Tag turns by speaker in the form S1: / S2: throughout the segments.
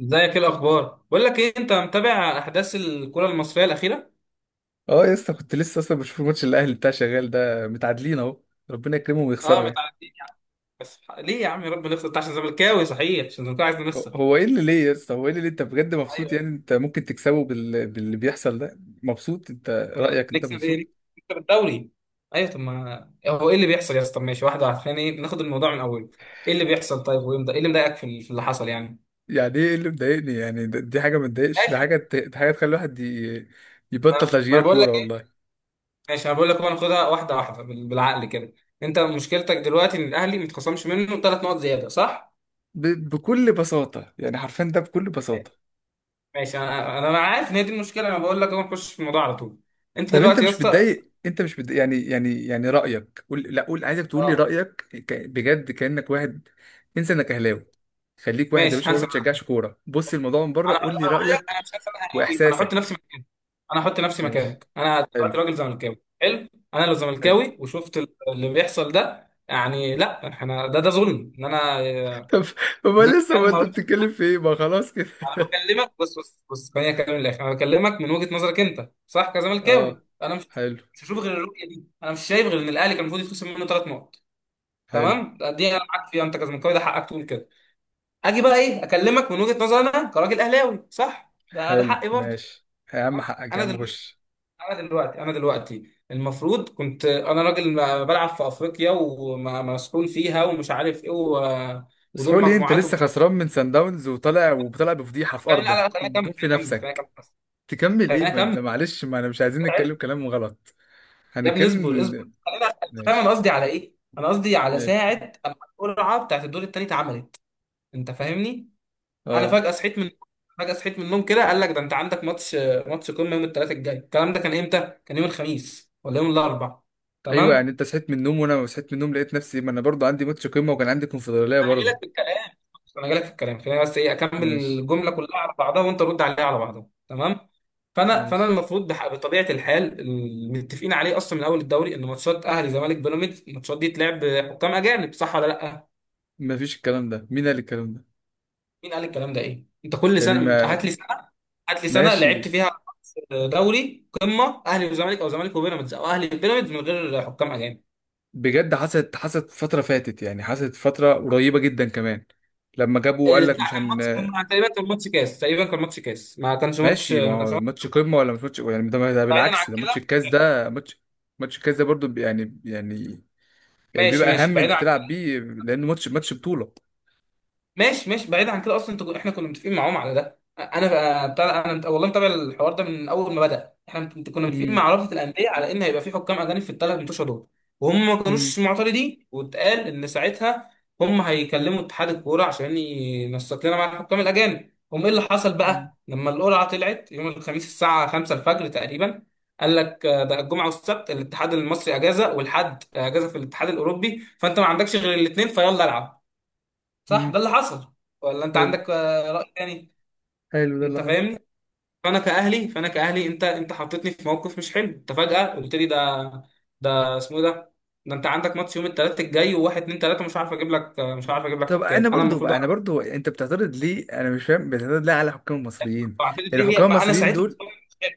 S1: ازيك؟ ايه الاخبار؟ بقول لك ايه، انت متابع احداث الكره المصريه الاخيره؟
S2: اه، يا اسطى، كنت لسه اصلا بشوف الماتش. الاهلي بتاع شغال ده متعادلين اهو. ربنا يكرمهم
S1: اه،
S2: ويخسروا يعني.
S1: متعدين يعني. بس ليه يا عم ربنا نخسر؟ انت عشان زملكاوي صحيح؟ عشان زملكاوي عايز
S2: هو
S1: نخسر؟
S2: هو ايه اللي ليه يا اسطى، هو ايه اللي ليه؟ انت بجد مبسوط؟ يعني
S1: ايوه.
S2: انت ممكن تكسبه باللي بيحصل ده؟ مبسوط انت؟
S1: آه،
S2: رايك؟ انت
S1: نكسب
S2: مبسوط؟
S1: ايه؟ نكسب الدوري. ايوه، طب ما هو ايه اللي بيحصل يا اسطى؟ طب ماشي، واحده واحده، خلينا ناخد الموضوع من اوله. ايه اللي بيحصل؟ طيب، ويمضى ايه اللي مضايقك في اللي حصل يعني؟
S2: يعني ايه اللي مضايقني؟ يعني دي حاجه ما تضايقش،
S1: ماشي،
S2: دي حاجه تخلي الواحد يبطل
S1: ما
S2: تشجيع
S1: انا بقول
S2: كوره
S1: لك ايه.
S2: والله.
S1: ماشي، انا بقول لك بقى ناخدها واحده واحده بالعقل كده. انت مشكلتك دلوقتي ان الاهلي متخصمش منه 3 نقط زياده، صح؟
S2: بكل بساطه، يعني حرفيا ده بكل بساطه.
S1: ماشي، انا انا أنا عارف ان هي دي المشكله، انا بقول لك اهو نخش في الموضوع على طول. انت
S2: طب انت
S1: دلوقتي يا
S2: مش
S1: اسطى.
S2: متضايق؟ انت مش متضايق؟ يعني رايك، قول، لا قول، عايزك تقول لي
S1: اه.
S2: رايك. بجد كانك واحد، انسى انك اهلاوي، خليك واحد يا
S1: ماشي،
S2: باشا ما
S1: هنسى معاك.
S2: بتشجعش كوره، بص الموضوع من بره،
S1: انا
S2: قول لي
S1: انا هقول لك،
S2: رايك
S1: انا مش هسامحك قوي، انا هحط نفسي
S2: واحساسك.
S1: مكانك. انا هحط نفسي
S2: ماشي،
S1: مكانك. انا
S2: حلو،
S1: دلوقتي راجل زملكاوي، حلو. انا لو
S2: حلو.
S1: زملكاوي وشفت اللي بيحصل ده، يعني لا، احنا ده ظلم، ان انا
S2: طب ما
S1: ان انا
S2: لسه، ما
S1: فاهم، ما
S2: انت
S1: أروحش.
S2: بتتكلم في ايه؟ ما خلاص كده.
S1: انا بكلمك، بص بص بص، خليني اكلم الاخر. انا بكلمك من وجهه نظرك انت، صح؟
S2: اه،
S1: كزملكاوي، انا مش
S2: حلو،
S1: مش هشوف غير الرؤيه دي. انا مش شايف غير ان الاهلي كان المفروض يتخصم منه 3 نقط.
S2: حلو،
S1: تمام، دي انا معاك فيها، انت كزملكاوي ده حقك تقول كده. اجي بقى اكلمك من وجهة نظري انا كراجل اهلاوي، صح؟ ده
S2: حلو،
S1: حقي برضه.
S2: ماشي. يا عم
S1: تمام؟
S2: حقك يا
S1: انا
S2: عم،
S1: دلوقتي
S2: خش.
S1: انا دلوقتي انا دلوقتي المفروض كنت انا راجل بلعب في افريقيا ومسؤول فيها ومش عارف ايه
S2: بس
S1: ودور
S2: قول لي، انت
S1: مجموعات
S2: لسه
S1: ومش عارف
S2: خسران من سان داونز وطالع وطالع بفضيحه في
S1: إيه. خليني،
S2: ارضك
S1: لا لا، خليني اكمل
S2: وبتجيب في
S1: خليني اكمل خليني اكمل
S2: نفسك؟
S1: بس.
S2: تكمل ايه؟
S1: خليني
S2: ما انت
S1: اكمل.
S2: معلش، ما انا مش عايزين نتكلم كلام غلط.
S1: يا ابني، اصبر اصبر،
S2: هنتكلم.
S1: خليني انت فاهم
S2: ماشي،
S1: انا قصدي على ايه؟ انا قصدي على
S2: ماشي،
S1: ساعة اما القرعة بتاعت الدور التالت عملت. انت فاهمني؟ انا
S2: اه.
S1: فجأة صحيت من فجأة صحيت من النوم كده، قال لك ده انت عندك ماتش قمة يوم الثلاث الجاي. الكلام ده كان امتى؟ كان يوم الخميس ولا يوم الاربع؟
S2: ايوه، يعني
S1: تمام.
S2: انت صحيت من النوم وانا ما صحيت من النوم؟ لقيت نفسي، ما انا برضو عندي ماتش قمه وكان عندي كونفدراليه
S1: انا جاي
S2: برضو.
S1: لك في الكلام انا جاي لك في الكلام، خليني بس اكمل
S2: ماشي،
S1: الجملة كلها على بعضها، وانت رد عليها على بعضها، تمام. فانا
S2: ماشي.
S1: المفروض بطبيعه الحال المتفقين عليه اصلا من اول الدوري ان ماتشات اهلي زمالك بيراميدز، الماتشات دي تلعب بحكام اجانب، صح ولا لا؟
S2: ما فيش الكلام ده، مين قال الكلام ده؟
S1: مين قال الكلام ده؟ انت كل
S2: يعني
S1: سنه، انت
S2: ما...
S1: هات لي سنه
S2: ماشي.
S1: لعبت فيها دوري قمه اهلي وزمالك، او زمالك وبيراميدز، او اهلي وبيراميدز، من غير حكام اجانب.
S2: بجد حصلت فتره فاتت، يعني حصلت فتره قريبه جدا كمان، لما جابوا قال لك مش
S1: بتاع
S2: هن...
S1: تقريبا كان ماتش كاس تقريبا كان ماتش كاس،
S2: ماشي. ما
S1: ما كانش
S2: هو
S1: ماتش.
S2: ماتش قمه ولا مش ماتش؟ يعني ده
S1: بعيدا عن
S2: بالعكس، ده ماتش
S1: كده.
S2: الكاس، ده ماتش، ماتش الكاس ده برضو، يعني، يعني يعني
S1: ماشي
S2: بيبقى
S1: ماشي
S2: اهم انت
S1: بعيدا.
S2: تلعب بيه لانه ماتش بطولة.
S1: ماشي ماشي بعيد عن كده اصلا. انت احنا كنا متفقين معاهم على ده. انا بتاع انا مت- والله متابع الحوار ده من اول ما بدا. احنا كنا متفقين
S2: امم.
S1: مع رابطه الانديه على ان هيبقى في حكام اجانب في الثلاث منتوشه دول. وهم ما
S2: امم.
S1: كانوش معترضين، واتقال ان ساعتها هم هيكلموا اتحاد الكوره عشان ينسق لنا مع الحكام الاجانب. هم ايه اللي حصل بقى لما القرعه طلعت يوم الخميس الساعه 5 الفجر تقريبا؟ قال لك ده الجمعه والسبت الاتحاد المصري اجازه والحد اجازه في الاتحاد الاوروبي، فانت ما عندكش غير الاثنين، فيلا العب. صح
S2: امم.
S1: ده اللي حصل، ولا انت
S2: حلو،
S1: عندك رأي تاني؟
S2: حلو، ده
S1: انت
S2: اللي حصل.
S1: فاهمني. فانا كأهلي، انت حطيتني في موقف مش حلو. انت فجأة قلت لي ده، ده اسمه إيه ده؟ ده انت عندك ماتش يوم الثلاث الجاي، وواحد اتنين تلاته مش عارف اجيب لك مش عارف اجيب لك
S2: طب انا
S1: حكام، انا
S2: برضو
S1: المفروض
S2: بقى، انا برضو، انت بتعترض ليه؟ انا مش فاهم، بتعترض ليه على حكام المصريين؟
S1: اعترض
S2: يعني
S1: ليه؟
S2: حكام
S1: ما انا
S2: المصريين
S1: ساعتها
S2: دول...
S1: مستواي مش حلو.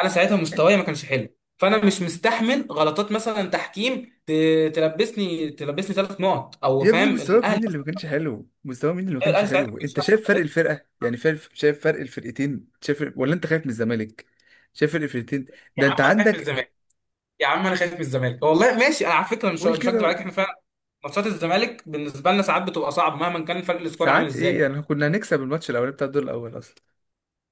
S1: انا ساعتها مستواي ما كانش حلو، فانا مش مستحمل غلطات مثلا تحكيم تلبسني 3 نقط او
S2: يا ابني
S1: فاهم
S2: مستواك
S1: الاهلي.
S2: مين اللي ما كانش حلو؟ مستوى مين اللي ما كانش
S1: الاهلي ساعتها ما
S2: حلو؟
S1: كانش
S2: انت
S1: احسن
S2: شايف فرق
S1: حاجة.
S2: الفرقه، يعني شايف فرق الفرقتين؟ شايف، ولا انت خايف من الزمالك؟ شايف فرق الفرقتين؟
S1: يا
S2: ده انت
S1: عم انا خايف من
S2: عندك...
S1: الزمالك. يا عم انا خايف من الزمالك والله. ماشي، انا على فكره مش
S2: قول
S1: مش هكدب عليك،
S2: كده.
S1: احنا فعلا ماتشات الزمالك بالنسبه لنا ساعات بتبقى صعبه، مهما كان فرق السكواد عامل
S2: ساعات ايه
S1: ازاي.
S2: يعني؟ كنا هنكسب الماتش الاولاني بتاع الدور الاول اصلا.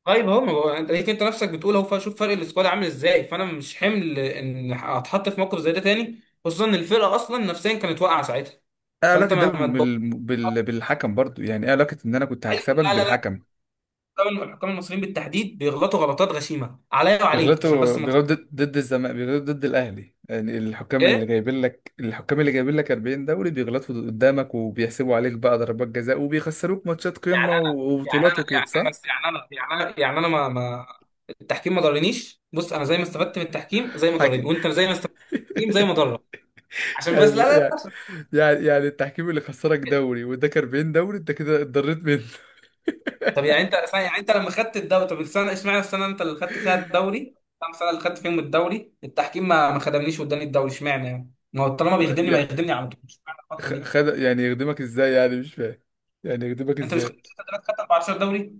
S1: طيب، هو ما هو انت ليك، انت نفسك بتقول اهو شوف فرق السكواد عامل ازاي، فانا مش حمل ان اتحط في موقف زي ده تاني، خصوصا ان الفرقه اصلا نفسيا كانت واقعه ساعتها.
S2: ايه
S1: فانت
S2: علاقة ده
S1: ما تبقى،
S2: بالحكم برضو؟ يعني ايه علاقة ان انا كنت
S1: ايوه،
S2: هكسبك
S1: لا لا لا،
S2: بالحكم؟
S1: طبعاً الحكام المصريين بالتحديد بيغلطوا غلطات غشيمه عليا وعليك عشان بس
S2: بيغلطوا
S1: ما ت-
S2: بيغلطوا ضد الزمالك، بيغلطوا ضد الاهلي؟ يعني الحكام اللي
S1: ايه.
S2: جايبين لك الحكام اللي جايبين لك 40 دوري، بيغلطوا قدامك وبيحسبوا عليك بقى ضربات جزاء وبيخسروك ماتشات
S1: يعني
S2: قمة
S1: انا
S2: وبطولات وكده، صح؟
S1: بس يعني انا ما التحكيم ما ضرنيش. بص، انا زي ما استفدت من التحكيم زي ما ضرني،
S2: حكي...
S1: وانت زي ما استفدت من التحكيم زي ما ضرك. عشان بس، لا
S2: يعني
S1: لا لا،
S2: يعني
S1: عشان
S2: يعني التحكيم اللي خسرك دوري واداك 40 دوري انت كده اتضريت منه؟
S1: طب يعني انت لما خدت الدوري، طب السنه، اشمعنى السنه انت اللي خدت فيها الدوري؟ كام سنه اللي خدت فيهم الدوري التحكيم ما خدمنيش واداني الدوري؟ اشمعنى يعني، ما هو طالما بيخدمني ما
S2: يعني
S1: يخدمني على طول، اشمعنى الفتره دي؟
S2: خد، يعني يخدمك ازاي؟ يعني مش فاهم، يعني يخدمك
S1: انت مش
S2: ازاي؟
S1: خدت 6 دوريات، خدت 14 دوري.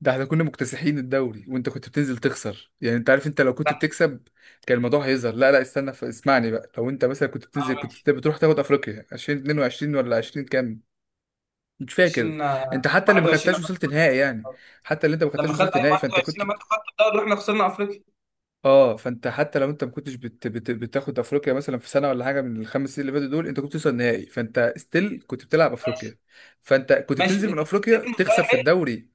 S2: ده احنا كنا مكتسحين الدوري وانت كنت بتنزل تخسر، يعني انت عارف انت لو كنت
S1: لا.
S2: بتكسب كان الموضوع هيظهر. لا لا، استنى، اسمعني بقى. لو انت مثلا كنت بتنزل
S1: اه، ماشي.
S2: كنت بتروح تاخد افريقيا 2022 ولا 20 كام، مش فاكر.
S1: 20
S2: انت حتى اللي ما
S1: 21
S2: خدتهاش
S1: لما خدت
S2: وصلت نهائي يعني، حتى اللي انت ما
S1: الدوري. لما
S2: خدتهاش
S1: خدت
S2: وصلت
S1: اي
S2: نهائي، فانت
S1: 21،
S2: كنت...
S1: لما انت خدت الدوري واحنا خسرنا افريقيا.
S2: اه، فانت حتى لو انت ما كنتش بتاخد افريقيا مثلا في سنه ولا حاجه من ال 5 سنين اللي فاتوا دول، انت كنت بتوصل نهائي، فانت ستيل كنت بتلعب افريقيا.
S1: ماشي
S2: فانت كنت بتنزل
S1: ماشي
S2: من
S1: بس.
S2: افريقيا
S1: المستوى
S2: تخسر في
S1: حلو.
S2: الدوري.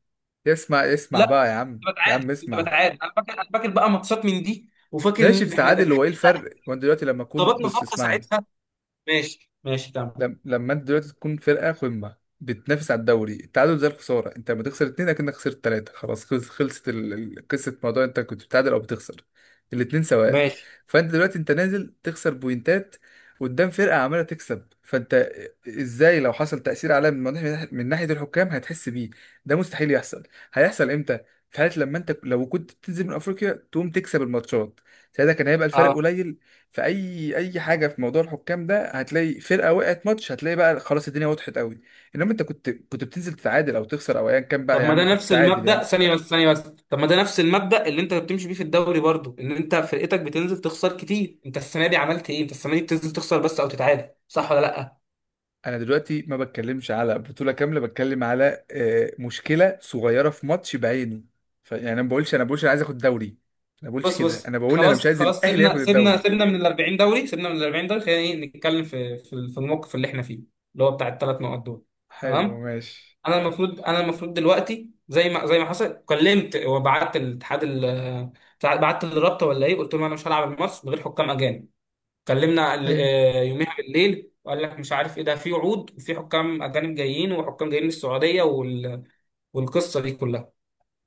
S2: اسمع اسمع
S1: لا،
S2: بقى يا عم،
S1: كنت
S2: يا عم
S1: بتعادل كنت
S2: اسمع.
S1: بتعادل انا فاكر بقى ماتشات من دي، وفاكر
S2: ماشي،
S1: ان احنا
S2: بتتعادل،
S1: إن
S2: هو
S1: إحنا
S2: ايه الفرق؟ هو انت دلوقتي لما اكون...
S1: ظبطنا
S2: بص،
S1: خبطه
S2: اسمعني.
S1: ساعتها. ماشي ماشي تمام.
S2: لم... لما انت دلوقتي تكون فرقه قمه بتنافس على الدوري، التعادل زي الخساره. انت لما تخسر اتنين اكنك خسرت تلاته. خلاص، خلصت قصه موضوع انت كنت بتتعادل او بتخسر، الاتنين سواء.
S1: ماشي،
S2: فانت دلوقتي انت نازل تخسر بوينتات قدام فرقه عماله تكسب، فانت ازاي لو حصل تاثير عليها من ناحية الحكام، هتحس بيه؟ ده مستحيل يحصل. هيحصل امتى؟ في حالة لما انت لو كنت بتنزل من افريقيا تقوم تكسب الماتشات، ساعتها كان هيبقى الفرق
S1: اه.
S2: قليل. في اي، اي حاجه في موضوع الحكام ده، هتلاقي فرقه وقعت ماتش، هتلاقي بقى خلاص الدنيا وضحت قوي. انما انت كنت بتنزل تتعادل او تخسر، او ايا كان بقى
S1: طب
S2: يا
S1: ما ده
S2: عم، كنت
S1: نفس
S2: تعادل يا
S1: المبدأ،
S2: عم.
S1: ثانية بس، ثانية بس، طب ما ده نفس المبدأ اللي انت بتمشي بيه في الدوري برضو، ان انت فرقتك بتنزل تخسر كتير. انت السنة دي عملت ايه؟ انت السنة دي بتنزل تخسر بس او تتعادل، صح ولا لا؟
S2: انا دلوقتي ما بتكلمش على بطوله كامله، بتكلم على مشكله صغيره في ماتش بعينه. يعني انا ما بقولش، انا بقولش انا عايز اخد دوري. انا ما بقولش
S1: بص
S2: كده،
S1: بص،
S2: انا بقول انا مش
S1: خلاص
S2: عايز
S1: خلاص،
S2: الاهلي ياخد
S1: سيبنا سيبنا
S2: الدوري.
S1: سيبنا من ال 40 دوري، سيبنا من ال 40 دوري، خلينا نتكلم في الموقف اللي احنا فيه، اللي هو بتاع ال 3 نقط دول.
S2: حلو
S1: تمام.
S2: ماشي.
S1: انا المفروض دلوقتي زي ما حصل، كلمت وبعت الاتحاد بعت للرابطه ولا ايه، قلت لهم انا مش هلعب الماتش من غير حكام اجانب. كلمنا يوميها بالليل، وقال لك مش عارف ايه ده، في وعود وفي حكام اجانب جايين وحكام جايين من السعوديه والقصه دي كلها.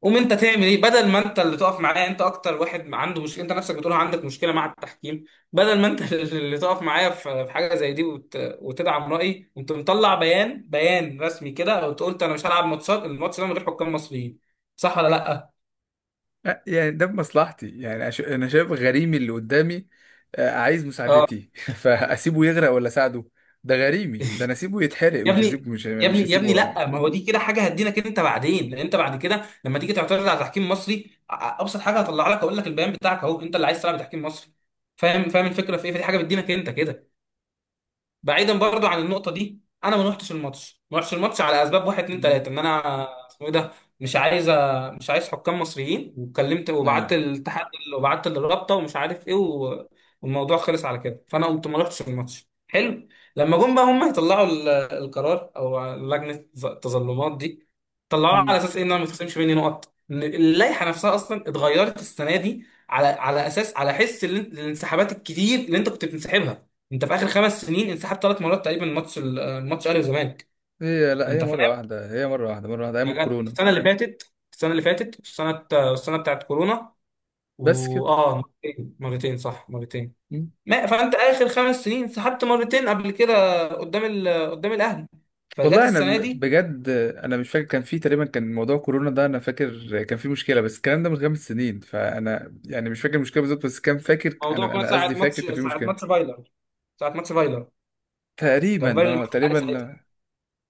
S1: قوم انت تعمل ايه بدل ما انت اللي تقف معايا؟ انت اكتر واحد عنده مشكله، انت نفسك بتقول عندك مشكله مع التحكيم. بدل ما انت اللي تقف معايا في حاجه زي دي وتدعم رايي، قمت مطلع بيان، بيان رسمي كده وقلت انا مش هلعب الماتش ده من غير حكام مصريين، صح ولا لا؟
S2: يعني ده بمصلحتي؟ يعني انا شايف غريمي اللي قدامي عايز
S1: اه.
S2: مساعدتي، فاسيبه يغرق ولا اساعده؟ ده غريمي، ده انا اسيبه يتحرق،
S1: يا
S2: مش
S1: ابني
S2: هسيبه، مش
S1: يا ابني
S2: مش
S1: يا ابني
S2: هسيبه يعني.
S1: لا، ما هو دي كده حاجه هدينك انت بعدين، لان انت بعد كده لما تيجي تعترض على تحكيم مصري، ابسط حاجه هطلع لك اقول لك البيان بتاعك اهو، انت اللي عايز تلعب تحكيم مصري. فاهم، فاهم الفكره في ايه، فدي حاجه بتدينك انت كده. بعيدا برضو عن النقطه دي، انا ما روحتش الماتش على اسباب واحد اتنين
S2: مم.
S1: تلاته ان انا اسمه ايه ده، مش عايز مش عايز حكام مصريين، وكلمت
S2: ايوه.
S1: وبعت الاتحاد وبعت للرابطه ومش عارف ايه والموضوع خلص على كده، فانا قمت ما روحتش الماتش، حلو. لما جم بقى هم يطلعوا القرار او لجنه التظلمات دي، طلعوها على
S2: مم.
S1: اساس ايه ان انا ما تخصمش مني نقط؟ إن اللائحه نفسها اصلا اتغيرت السنه دي على اساس الانسحابات الكتير اللي انت كنت بتنسحبها. انت في اخر 5 سنين انسحبت 3 مرات تقريبا من الماتش الاهلي والزمالك.
S2: هي، لا،
S1: انت
S2: هي مرة
S1: فاهم.
S2: واحدة هي مرة واحدة مرة واحدة، أيام
S1: يعني
S2: الكورونا،
S1: السنه اللي فاتت، السنه بتاعت كورونا،
S2: بس كده.
S1: واه. مرتين مرتين، صح، مرتين.
S2: مم.
S1: ما فانت اخر 5 سنين انسحبت مرتين قبل كده قدام قدام الاهلي. فجت
S2: والله أنا
S1: السنه دي
S2: بجد، أنا مش فاكر، كان في تقريبا كان موضوع كورونا ده، أنا فاكر كان في مشكلة، بس الكلام ده من 5 سنين فأنا يعني مش فاكر المشكلة بالظبط. بس كان فاكر،
S1: موضوع
S2: أنا
S1: كله
S2: أنا
S1: ساعه
S2: قصدي فاكر
S1: ماتش،
S2: كان في مشكلة.
S1: ساعه ماتش فايلر، كان
S2: تقريبا
S1: فايلر اللي
S2: أه،
S1: ماسك الأهلي.
S2: تقريبا.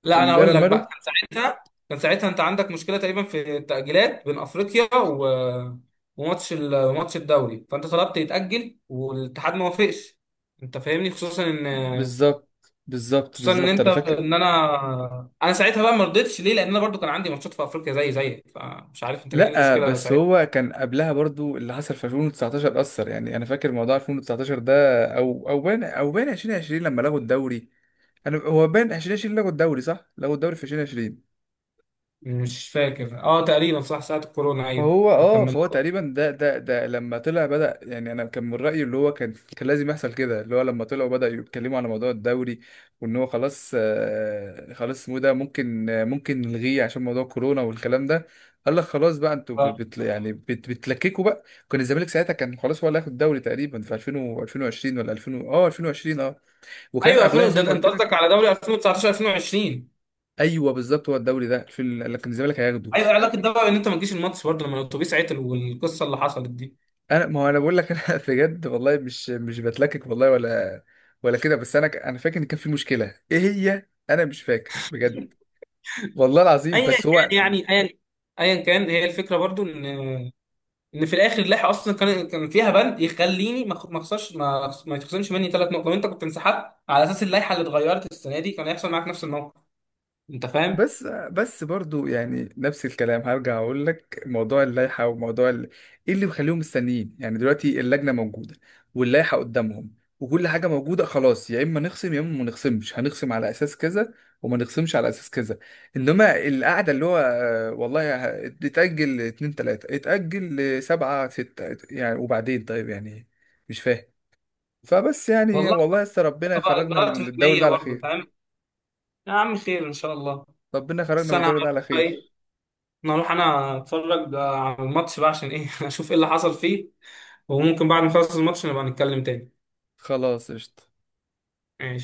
S1: لا، انا
S2: كان
S1: هقول
S2: بالون
S1: لك
S2: مالو.
S1: بقى. كان ساعتها انت عندك مشكله تقريبا في التاجيلات بين افريقيا وماتش الدوري، فانت طلبت يتاجل والاتحاد ما وافقش. انت فاهمني. خصوصا ان
S2: بالظبط، بالظبط،
S1: خصوصا ان
S2: بالظبط،
S1: انت
S2: انا فاكر.
S1: ان انا انا ساعتها بقى ما رضيتش ليه، لان انا برضو كان عندي ماتشات في افريقيا زي زيك، فمش عارف انت كان ايه
S2: لا،
S1: المشكله
S2: بس
S1: ساعتها.
S2: هو كان قبلها برضو، اللي حصل في 2019 اثر، يعني انا فاكر موضوع 2019 ده، او بان 2020 لما لغوا الدوري. انا، هو بان 2020 لغوا الدوري، صح؟ لغوا الدوري في 2020.
S1: مش فاكر، اه تقريبا، صح ساعه الكورونا. ايوه،
S2: فهو
S1: ما
S2: اه،
S1: كملنا.
S2: فهو تقريبا ده لما طلع بدأ، يعني انا كان من رأيي اللي هو كان لازم يحصل كده، اللي هو لما طلعوا بدأوا يتكلموا على موضوع الدوري، وان هو خلاص، خلاص اسمه إيه ده، ممكن، ممكن نلغيه عشان موضوع كورونا والكلام ده. قال لك خلاص بقى، انتوا بت
S1: آه.
S2: بت- يعني بت بتلككوا بقى. كان الزمالك ساعتها كان خلاص هو اللي هياخد الدوري، تقريبا في 2000 و 2020، ولا 2000 2020 اه، وكان
S1: ايوه،
S2: قبلها
S1: 2000،
S2: زي
S1: ده
S2: ما
S1: ده انت
S2: قلت
S1: قصدك
S2: لك.
S1: على دوري 2019 2020.
S2: ايوه بالظبط، هو الدوري ده في لكن الزمالك هياخده.
S1: ايوه، علاقه ده بقى ان انت ما تجيش الماتش برضه لما الاتوبيس عطل والقصه اللي حصلت دي؟
S2: انا، ما هو انا بقول لك، انا بجد والله، مش بتلكك والله، ولا كده. بس انا انا فاكر ان كان في مشكله، ايه هي انا مش فاكر بجد، والله العظيم.
S1: ايا
S2: بس هو،
S1: كان. يعني ايا ايا كان، هي الفكره برضه ان في الاخر اللائحه اصلا كان فيها بند يخليني ما أخ- ما اخسرش ما أخس- ما يتخصمش مني 3 نقط، لو انت كنت انسحبت على اساس اللائحه اللي اتغيرت السنه دي كان هيحصل معاك نفس الموقف. انت فاهم،
S2: بس، برضو يعني نفس الكلام هرجع اقول لك، موضوع اللائحه وموضوع ال... ايه اللي بيخليهم مستنيين؟ يعني دلوقتي اللجنه موجوده، واللائحه قدامهم، وكل حاجه موجوده، خلاص يا اما نخصم يا اما ما نخصمش. هنخصم على اساس كذا، وما نخصمش على اساس كذا. انما القعده اللي هو، والله اتاجل اتنين تلاته، اتاجل سبعه سته، يعني وبعدين طيب يعني، مش فاهم. فبس يعني
S1: والله.
S2: والله لسه، ربنا
S1: أنت بقى
S2: يخرجنا
S1: اجراءات
S2: من الدور
S1: فنيه
S2: ده على
S1: برضه
S2: خير.
S1: فاهم. يا عم، خير ان شاء الله.
S2: ربنا يخرجنا
S1: بس
S2: من الدور ده على خير.
S1: انا هروح انا اتفرج بقى على الماتش بقى عشان ايه اشوف ايه اللي حصل فيه. وممكن بعد ما نخلص الماتش نبقى نتكلم تاني.
S2: خلاص قشطة.
S1: ماشي